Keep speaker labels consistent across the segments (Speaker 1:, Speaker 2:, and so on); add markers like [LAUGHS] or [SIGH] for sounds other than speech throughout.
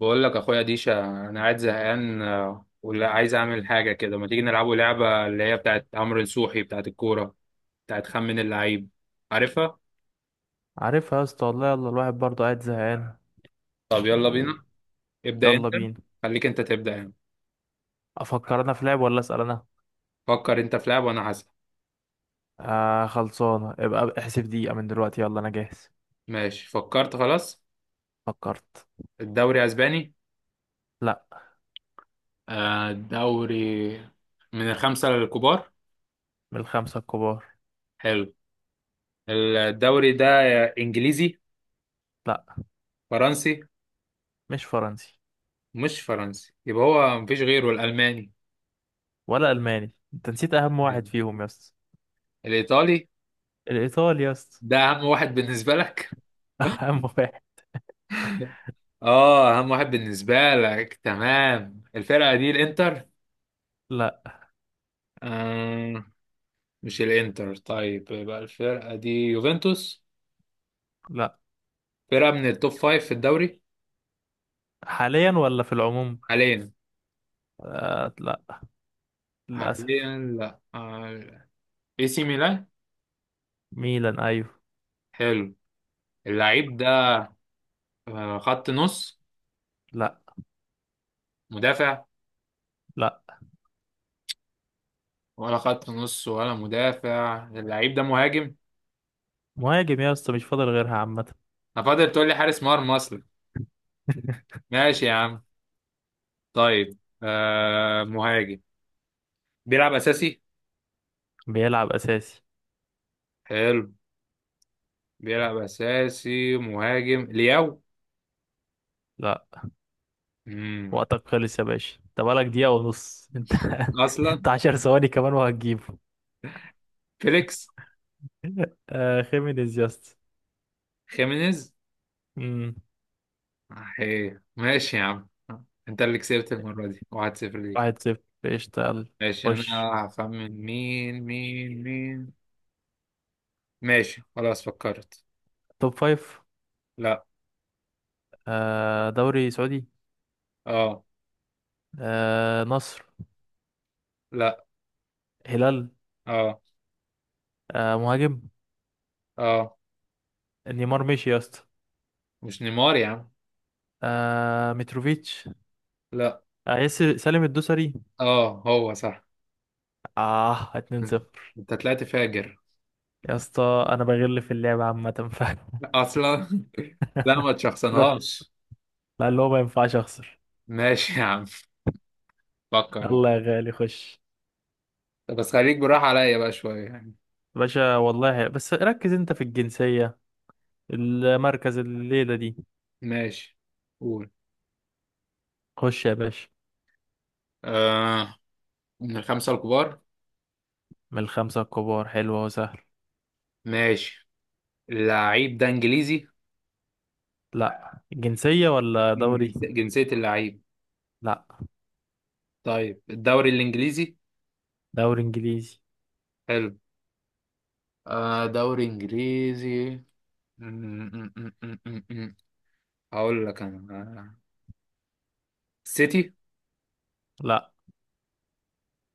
Speaker 1: بقول لك اخويا ديشا انا قاعد زهقان آه، ولا عايز اعمل حاجه كده، ما تيجي نلعبوا لعبه اللي هي بتاعت عمرو نصوحي بتاعت الكوره، بتاعت خمن اللعيب؟ عارفها.
Speaker 2: عارفها يا اسطى، والله يلا الواحد برضه قاعد زهقان.
Speaker 1: طب يلا
Speaker 2: و-
Speaker 1: بينا. ابدا
Speaker 2: يلا
Speaker 1: انت.
Speaker 2: بينا.
Speaker 1: خليك انت تبدا يعني.
Speaker 2: افكر انا في لعب ولا اسال انا؟
Speaker 1: فكر انت في لعب وانا هسأل.
Speaker 2: آه خلصانه، ابقى احسب دقيقه من دلوقتي، يلا انا جاهز.
Speaker 1: ماشي فكرت خلاص.
Speaker 2: فكرت.
Speaker 1: الدوري اسباني؟
Speaker 2: لا.
Speaker 1: آه، الدوري من الخمسه الكبار.
Speaker 2: من الخمسه الكبار.
Speaker 1: حلو. الدوري ده انجليزي؟
Speaker 2: لا،
Speaker 1: فرنسي؟
Speaker 2: مش فرنسي.
Speaker 1: مش فرنسي يبقى هو مفيش غيره الالماني.
Speaker 2: ولا الماني، انت نسيت اهم واحد فيهم يا اسطى.
Speaker 1: الايطالي؟
Speaker 2: الايطالي يا اسطى.
Speaker 1: ده اهم واحد بالنسبة لك.
Speaker 2: [LAUGHS] اهم واحد.
Speaker 1: اه اهم واحد بالنسبة لك، تمام. الفرقة دي الانتر؟
Speaker 2: لا.
Speaker 1: آه، مش الانتر. طيب يبقى الفرقة دي يوفنتوس؟
Speaker 2: لا.
Speaker 1: فرقة من التوب فايف في الدوري؟
Speaker 2: حاليا ولا في العموم؟
Speaker 1: حاليا.
Speaker 2: آه لا، للاسف.
Speaker 1: حاليا، لا. آه، اي سي ميلان.
Speaker 2: ميلان ايوه.
Speaker 1: حلو. اللعيب ده آه، خط نص؟
Speaker 2: لا.
Speaker 1: مدافع؟
Speaker 2: لا.
Speaker 1: ولا خط نص ولا مدافع، اللعيب ده مهاجم.
Speaker 2: مهاجم يا اسطى، مش فاضل غيرها عامه.
Speaker 1: انا فاضل تقول لي حارس مرمى اصلا.
Speaker 2: [LAUGHS]
Speaker 1: ماشي يا عم. طيب آه، مهاجم. بيلعب اساسي؟
Speaker 2: بيلعب اساسي.
Speaker 1: حلو. بيلعب اساسي مهاجم لياو؟
Speaker 2: لا.
Speaker 1: مم.
Speaker 2: وقتك خلص يا باشا، انت بقالك دقيقة ونص انت. [LAUGHS]
Speaker 1: اصلا.
Speaker 2: انت عشر ثواني كمان وهتجيبه.
Speaker 1: فيليكس؟
Speaker 2: آه خيمينيز يا اسطى.
Speaker 1: خيمينيز.
Speaker 2: امم.
Speaker 1: ايه ماشي يا عم. انت اللي كسبت المره دي 1-0 ليك.
Speaker 2: واحد صفر قشطة، يلا.
Speaker 1: ماشي انا.
Speaker 2: خش.
Speaker 1: هخمن مين مين مين. ماشي خلاص فكرت.
Speaker 2: توب فايف.
Speaker 1: لا.
Speaker 2: آه دوري سعودي.
Speaker 1: اه.
Speaker 2: آه نصر.
Speaker 1: لا.
Speaker 2: هلال.
Speaker 1: اه،
Speaker 2: آه مهاجم.
Speaker 1: اه.
Speaker 2: نيمار مشي يا اسطى.
Speaker 1: مش نيمار يا عم.
Speaker 2: آه متروفيتش.
Speaker 1: لا.
Speaker 2: آه ياسر سالم الدوسري.
Speaker 1: اه، هو صح.
Speaker 2: اه 2
Speaker 1: [LAUGHS]
Speaker 2: 0
Speaker 1: انت طلعت فاجر.
Speaker 2: يا اسطى انا بغل في اللعبة عامة، ف [LAUGHS]
Speaker 1: اصلا. [LAUGHS] لا، ما
Speaker 2: لا.
Speaker 1: تشخصنهاش.
Speaker 2: لا، اللي هو ما ينفعش اخسر.
Speaker 1: ماشي يا عم. فكر.
Speaker 2: يلا يا غالي خش.
Speaker 1: طب بس خليك براح عليا بقى شوية يعني.
Speaker 2: باشا والله، بس ركز انت في الجنسية، المركز الليلة دي.
Speaker 1: ماشي. قول.
Speaker 2: خش يا باشا.
Speaker 1: آه، من الخمسة الكبار.
Speaker 2: من الخمسة الكبار، حلوة وسهل.
Speaker 1: ماشي. اللعيب ده انجليزي؟
Speaker 2: لا، جنسية ولا
Speaker 1: مم.
Speaker 2: دوري؟
Speaker 1: جنسية اللعيب.
Speaker 2: لا.
Speaker 1: طيب الدوري الانجليزي.
Speaker 2: دوري انجليزي.
Speaker 1: حلو. آه، دوري انجليزي. م- م- م- م- م- م. هقول لك انا. آه، سيتي.
Speaker 2: لا.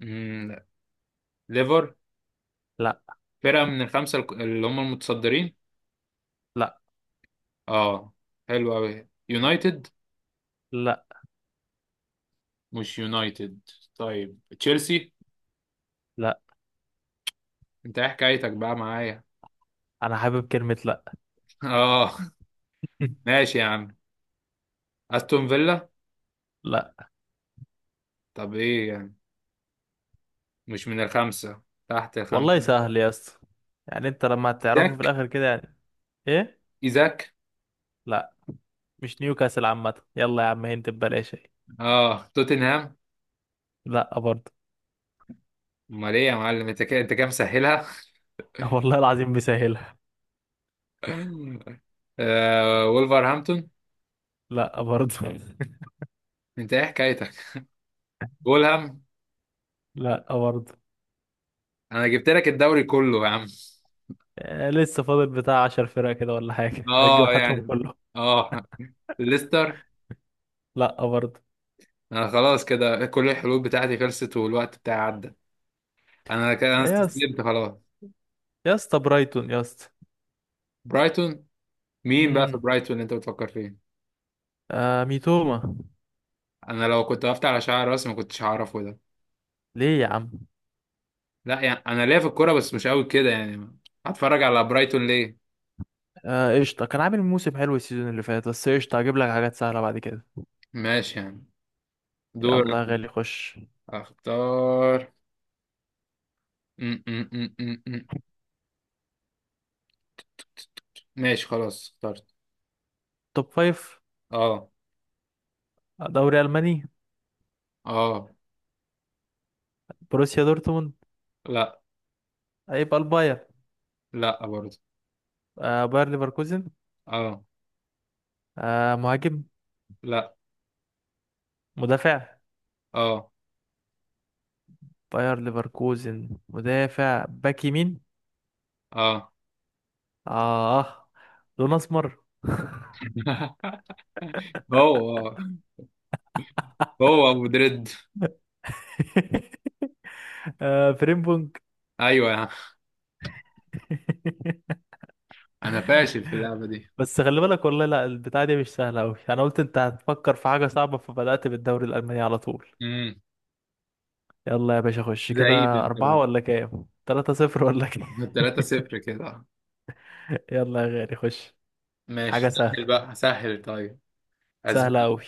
Speaker 1: لا. ليفر.
Speaker 2: لا.
Speaker 1: فرقة من الخمسة اللي هم المتصدرين.
Speaker 2: لا.
Speaker 1: اه. حلو قوي، يونايتد.
Speaker 2: لا.
Speaker 1: مش يونايتد. طيب تشيلسي.
Speaker 2: لا.
Speaker 1: انت ايه حكايتك بقى معايا؟
Speaker 2: انا حابب كلمة لا.
Speaker 1: [LAUGHS] اه.
Speaker 2: [LAUGHS]
Speaker 1: ماشي يا عم. استون فيلا.
Speaker 2: لا.
Speaker 1: طب ايه يعني؟ مش من الخمسه؟ تحت الخمسه.
Speaker 2: والله سهل يا اسطى، يعني انت لما هتعرفه في
Speaker 1: ايزاك.
Speaker 2: الاخر كده يعني. ايه.
Speaker 1: ايزاك.
Speaker 2: لا، مش نيوكاسل عامة، يلا يا عم هنت ببلاش اهي.
Speaker 1: اه توتنهام.
Speaker 2: لا برضه.
Speaker 1: امال ايه يا معلم، انت كده انت كام مسهلها.
Speaker 2: [LAUGHS] والله العظيم بيسهلها.
Speaker 1: [LAUGHS] آه، وولفرهامبتون.
Speaker 2: لا برضه.
Speaker 1: انت ايه حكايتك؟ فولهام.
Speaker 2: [LAUGHS] لا برضه.
Speaker 1: انا جبت لك الدوري كله يا عم.
Speaker 2: آه، لسه فاضل بتاع عشر فرق كده ولا حاجة؟ [LAUGHS] هتجيب
Speaker 1: اه
Speaker 2: هاتهم
Speaker 1: يعني.
Speaker 2: كله.
Speaker 1: اه. ليستر.
Speaker 2: لأ برضه.
Speaker 1: انا خلاص كده كل الحلول بتاعتي خلصت، والوقت بتاعي عدى. انا كده انا
Speaker 2: إيه يا اسطى؟
Speaker 1: استسلمت خلاص.
Speaker 2: يا اسطى برايتون يا اسطى.
Speaker 1: برايتون. مين بقى في
Speaker 2: امم.
Speaker 1: برايتون اللي انت بتفكر فيه؟
Speaker 2: آه ميتوما.
Speaker 1: انا لو كنت وقفت على شعر راسي ما كنتش هعرفه ده.
Speaker 2: ليه يا عم؟
Speaker 1: لا يعني انا ليا في الكوره بس مش قوي كده يعني. هتفرج على برايتون ليه؟
Speaker 2: آه قشطة، كان عامل موسم حلو السيزون اللي فات، بس قشطة هجيب لك حاجات سهلة بعد كده.
Speaker 1: ماشي يعني. دور
Speaker 2: يلا يا
Speaker 1: أنا.
Speaker 2: غالي خش.
Speaker 1: اختار. م -م -م -م -م. ماشي خلاص اخترت.
Speaker 2: توب فايف.
Speaker 1: اه.
Speaker 2: دوري ألماني.
Speaker 1: اه.
Speaker 2: بروسيا دورتموند.
Speaker 1: لا.
Speaker 2: هيبقى الباير.
Speaker 1: لا برضه.
Speaker 2: آه باير ليفركوزن.
Speaker 1: اه.
Speaker 2: آه مهاجم.
Speaker 1: لا.
Speaker 2: مدافع.
Speaker 1: اه.
Speaker 2: باير ليفركوزن مدافع باك يمين.
Speaker 1: اه.
Speaker 2: اه. لون اسمر.
Speaker 1: [LAUGHS] هو، هو ابو دريد.
Speaker 2: [LAUGHS] آه فريم بونج.
Speaker 1: ايوه يا عم. انا فاشل في اللعبه
Speaker 2: [LAUGHS]
Speaker 1: دي.
Speaker 2: بس خلي بالك والله، لا البتاعة دي مش سهلة أوي. أنا قلت أنت هتفكر في حاجة صعبة فبدأت بالدوري الألماني على طول.
Speaker 1: امم.
Speaker 2: يلا يا باشا خش
Speaker 1: زعيم
Speaker 2: كده،
Speaker 1: انت
Speaker 2: أربعة
Speaker 1: برضه.
Speaker 2: ولا كام؟ تلاتة صفر ولا كام؟
Speaker 1: 3-0 كده.
Speaker 2: [LAUGHS] يلا يا غالي خش.
Speaker 1: ماشي
Speaker 2: حاجة
Speaker 1: سهل
Speaker 2: سهلة.
Speaker 1: بقى، سهل طيب.
Speaker 2: سهلة
Speaker 1: اسباني.
Speaker 2: أوي.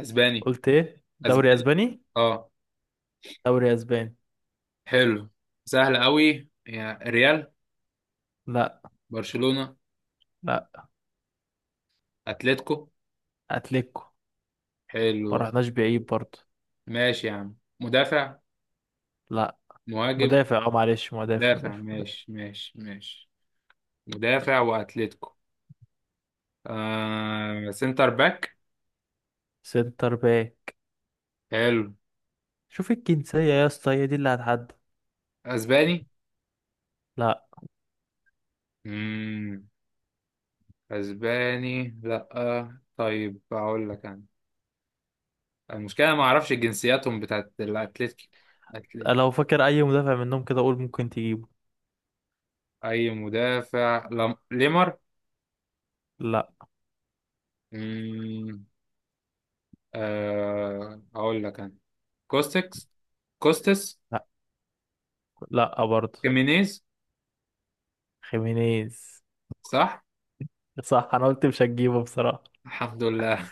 Speaker 1: اسباني.
Speaker 2: قلت إيه؟ دوري
Speaker 1: اسباني.
Speaker 2: أسباني؟
Speaker 1: اه.
Speaker 2: دوري أسباني.
Speaker 1: حلو. سهل قوي، يا ريال.
Speaker 2: لا.
Speaker 1: برشلونة.
Speaker 2: لا.
Speaker 1: اتلتيكو.
Speaker 2: أتليكو.
Speaker 1: حلو.
Speaker 2: ما رحناش بعيد برضه.
Speaker 1: ماشي يا عم. مدافع؟
Speaker 2: لا.
Speaker 1: مهاجم؟
Speaker 2: مدافع أه، معلش، مدافع
Speaker 1: مدافع
Speaker 2: مدافع مدافع.
Speaker 1: ماشي ماشي ماشي. مدافع واتلتيكو. آه، سنتر باك.
Speaker 2: سنتر باك.
Speaker 1: حلو.
Speaker 2: شوف الجنسية يا اسطى، هي دي اللي هتحدد.
Speaker 1: اسباني؟
Speaker 2: لا.
Speaker 1: مم. اسباني لا، طيب اقول لك انا. المشكلة ما اعرفش جنسياتهم بتاعت الاتلتيكي. أتلي-
Speaker 2: لو فاكر اي مدافع منهم كده اقول، ممكن تجيبه.
Speaker 1: اي مدافع لم... ليمر.
Speaker 2: لا.
Speaker 1: أه هقول لك انا. كوستكس. كوستس.
Speaker 2: لا. لا برضه.
Speaker 1: كيمينيز.
Speaker 2: خيمينيز.
Speaker 1: صح.
Speaker 2: صح، انا قلت مش هتجيبه بصراحة.
Speaker 1: الحمد لله.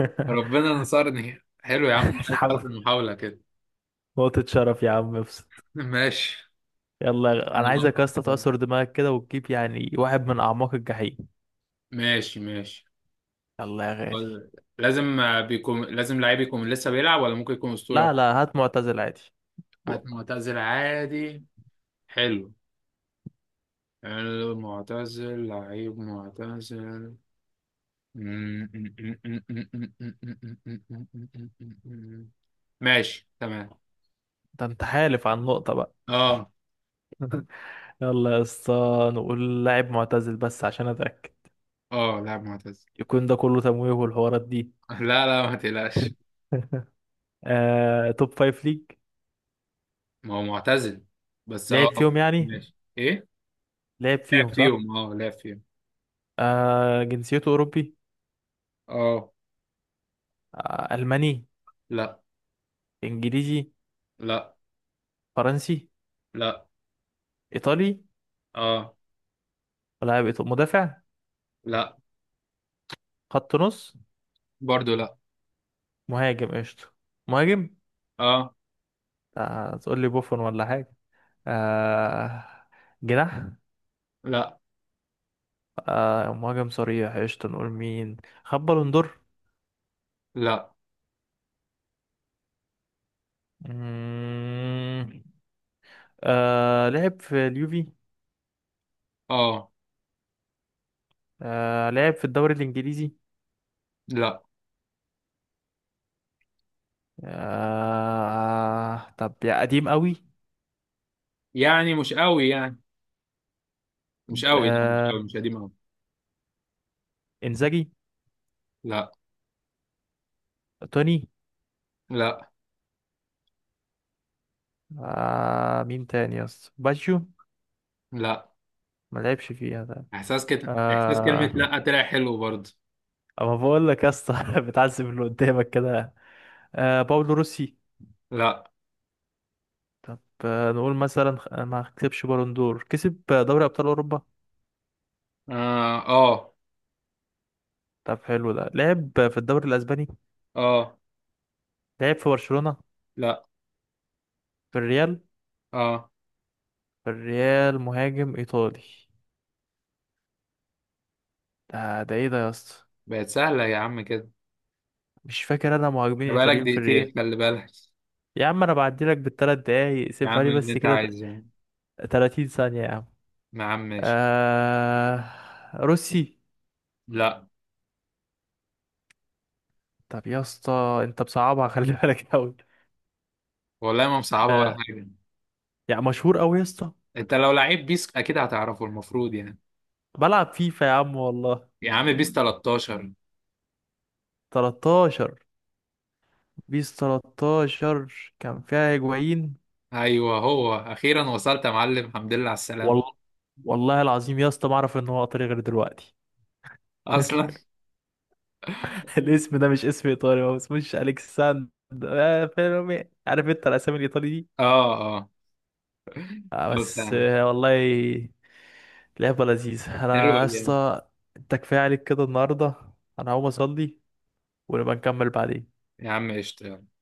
Speaker 1: [LAUGHS] ربنا نصرني، حلو يا عم عايز أعرف
Speaker 2: الحمد.
Speaker 1: المحاولة كده.
Speaker 2: نقطة شرف يا عم، ابسط.
Speaker 1: [LAUGHS] ماشي. انا
Speaker 2: انا عايزك يا اسطى
Speaker 1: بقى.
Speaker 2: تعصر دماغك كده وتجيب يعني واحد من اعماق الجحيم.
Speaker 1: ماشي ماشي.
Speaker 2: يلا يا غالي.
Speaker 1: لازم آه، بيكون لازم لعيب يكون لسه بيلعب ولا ممكن يكون
Speaker 2: لا
Speaker 1: أسطورة؟
Speaker 2: لا، هات معتزل عادي. و-
Speaker 1: عاد معتزل عادي. حلو. حلو معتزل، لعيب معتزل. ماشي تمام.
Speaker 2: ده انت حالف عن نقطة بقى.
Speaker 1: اه.
Speaker 2: [LAUGHS] يلا يا اسطى، نقول لاعب معتزل بس عشان اتاكد
Speaker 1: اه لا معتزل.
Speaker 2: يكون ده كله تمويه والحوارات دي.
Speaker 1: [LAUGHS] لا لا، ما تقلقش.
Speaker 2: [LAUGHS] آه، توب فايف ليج.
Speaker 1: ما هو معتزل بس اه.
Speaker 2: لعب فيهم يعني.
Speaker 1: ماشي ايه.
Speaker 2: لعب
Speaker 1: لعب
Speaker 2: فيهم صح.
Speaker 1: فيهم اه لعب فيهم.
Speaker 2: آه جنسيته أوروبي.
Speaker 1: اه.
Speaker 2: آه ألماني.
Speaker 1: لا.
Speaker 2: إنجليزي.
Speaker 1: لا.
Speaker 2: فرنسي.
Speaker 1: لا.
Speaker 2: إيطالي.
Speaker 1: اه.
Speaker 2: مدافع.
Speaker 1: لا.
Speaker 2: خط نص.
Speaker 1: برضو لا.
Speaker 2: مهاجم قشطة. مهاجم.
Speaker 1: اه.
Speaker 2: آه تقول لي بوفون ولا حاجة. آه جناح.
Speaker 1: لا.
Speaker 2: آه مهاجم صريح قشطة، نقول مين. خد بالون دور.
Speaker 1: لا.
Speaker 2: مم، آه لعب في اليوفي.
Speaker 1: اه.
Speaker 2: آه لعب في الدوري الإنجليزي.
Speaker 1: لا
Speaker 2: آه طب يا قديم قوي.
Speaker 1: يعني مش قوي يعني. مش قوي، لا، مش
Speaker 2: آه
Speaker 1: قوي، مش قديم قوي.
Speaker 2: إنزاجي.
Speaker 1: لا.
Speaker 2: توني.
Speaker 1: لا.
Speaker 2: آه مين تاني يا اسطى، باجيو؟
Speaker 1: لا.
Speaker 2: ما لعبش فيها ده.
Speaker 1: احساس كده، احساس كلمة
Speaker 2: آه
Speaker 1: لا طلع حلو برضو.
Speaker 2: اما بقول لك يا اسطى [LAUGHS] بتعذب اللي قدامك كده. آه باولو روسي.
Speaker 1: لا.
Speaker 2: طب. آه نقول مثلا ما كسبش بالون دور، كسب دوري ابطال اوروبا.
Speaker 1: اه اه.
Speaker 2: طب حلو، ده لعب في الدوري الاسباني.
Speaker 1: اه.
Speaker 2: لعب في برشلونة.
Speaker 1: لا.
Speaker 2: في الريال.
Speaker 1: اه.
Speaker 2: في الريال مهاجم ايطالي، ده ده ايه ده يا اسطى؟
Speaker 1: بقت سهلة يا عم كده.
Speaker 2: مش فاكر انا مهاجمين
Speaker 1: ده بقالك
Speaker 2: ايطاليين في الريال.
Speaker 1: دقيقتين خلي بالك.
Speaker 2: يا عم انا بعدي لك بالثلاث دقايق،
Speaker 1: يا
Speaker 2: سيبها
Speaker 1: عم
Speaker 2: لي
Speaker 1: اللي
Speaker 2: بس
Speaker 1: انت
Speaker 2: كده.
Speaker 1: عايزه.
Speaker 2: 30 ثانية يا عم.
Speaker 1: يا عم ماشي.
Speaker 2: آه، روسي.
Speaker 1: لا
Speaker 2: طب يا اسطى انت بصعبها، خلي بالك قوي.
Speaker 1: والله ما مصعبه ولا
Speaker 2: آه،
Speaker 1: حاجه.
Speaker 2: يعني مشهور قوي يا اسطى.
Speaker 1: انت لو لعيب بيس اكيد هتعرفه، المفروض يعني.
Speaker 2: بلعب فيفا يا عم والله.
Speaker 1: يا عم بيس 13.
Speaker 2: 13. بيس 13 كان فيها هيجوين.
Speaker 1: ايوه، هو اخيرا وصلت يا معلم، الحمد لله على
Speaker 2: والله.
Speaker 1: السلامه.
Speaker 2: والله العظيم يا اسطى ما اعرف ان هو ايطالي غير دلوقتي.
Speaker 1: اصلا.
Speaker 2: [LAUGHS] الاسم ده مش اسم ايطالي، هو اسمهش الكساندر. آه، فيرمي، عارف انت الاسامي الايطالي دي.
Speaker 1: اه. اه.
Speaker 2: آه
Speaker 1: خلاص يا
Speaker 2: بس،
Speaker 1: عم.
Speaker 2: آه والله. لعبه لذيذه
Speaker 1: حلوه
Speaker 2: انا يا
Speaker 1: دي يا عم.
Speaker 2: اسطى. انت كفايه عليك كده النهارده، انا هقوم اصلي ونبقى نكمل بعدين.
Speaker 1: يا عم قشطه يلا.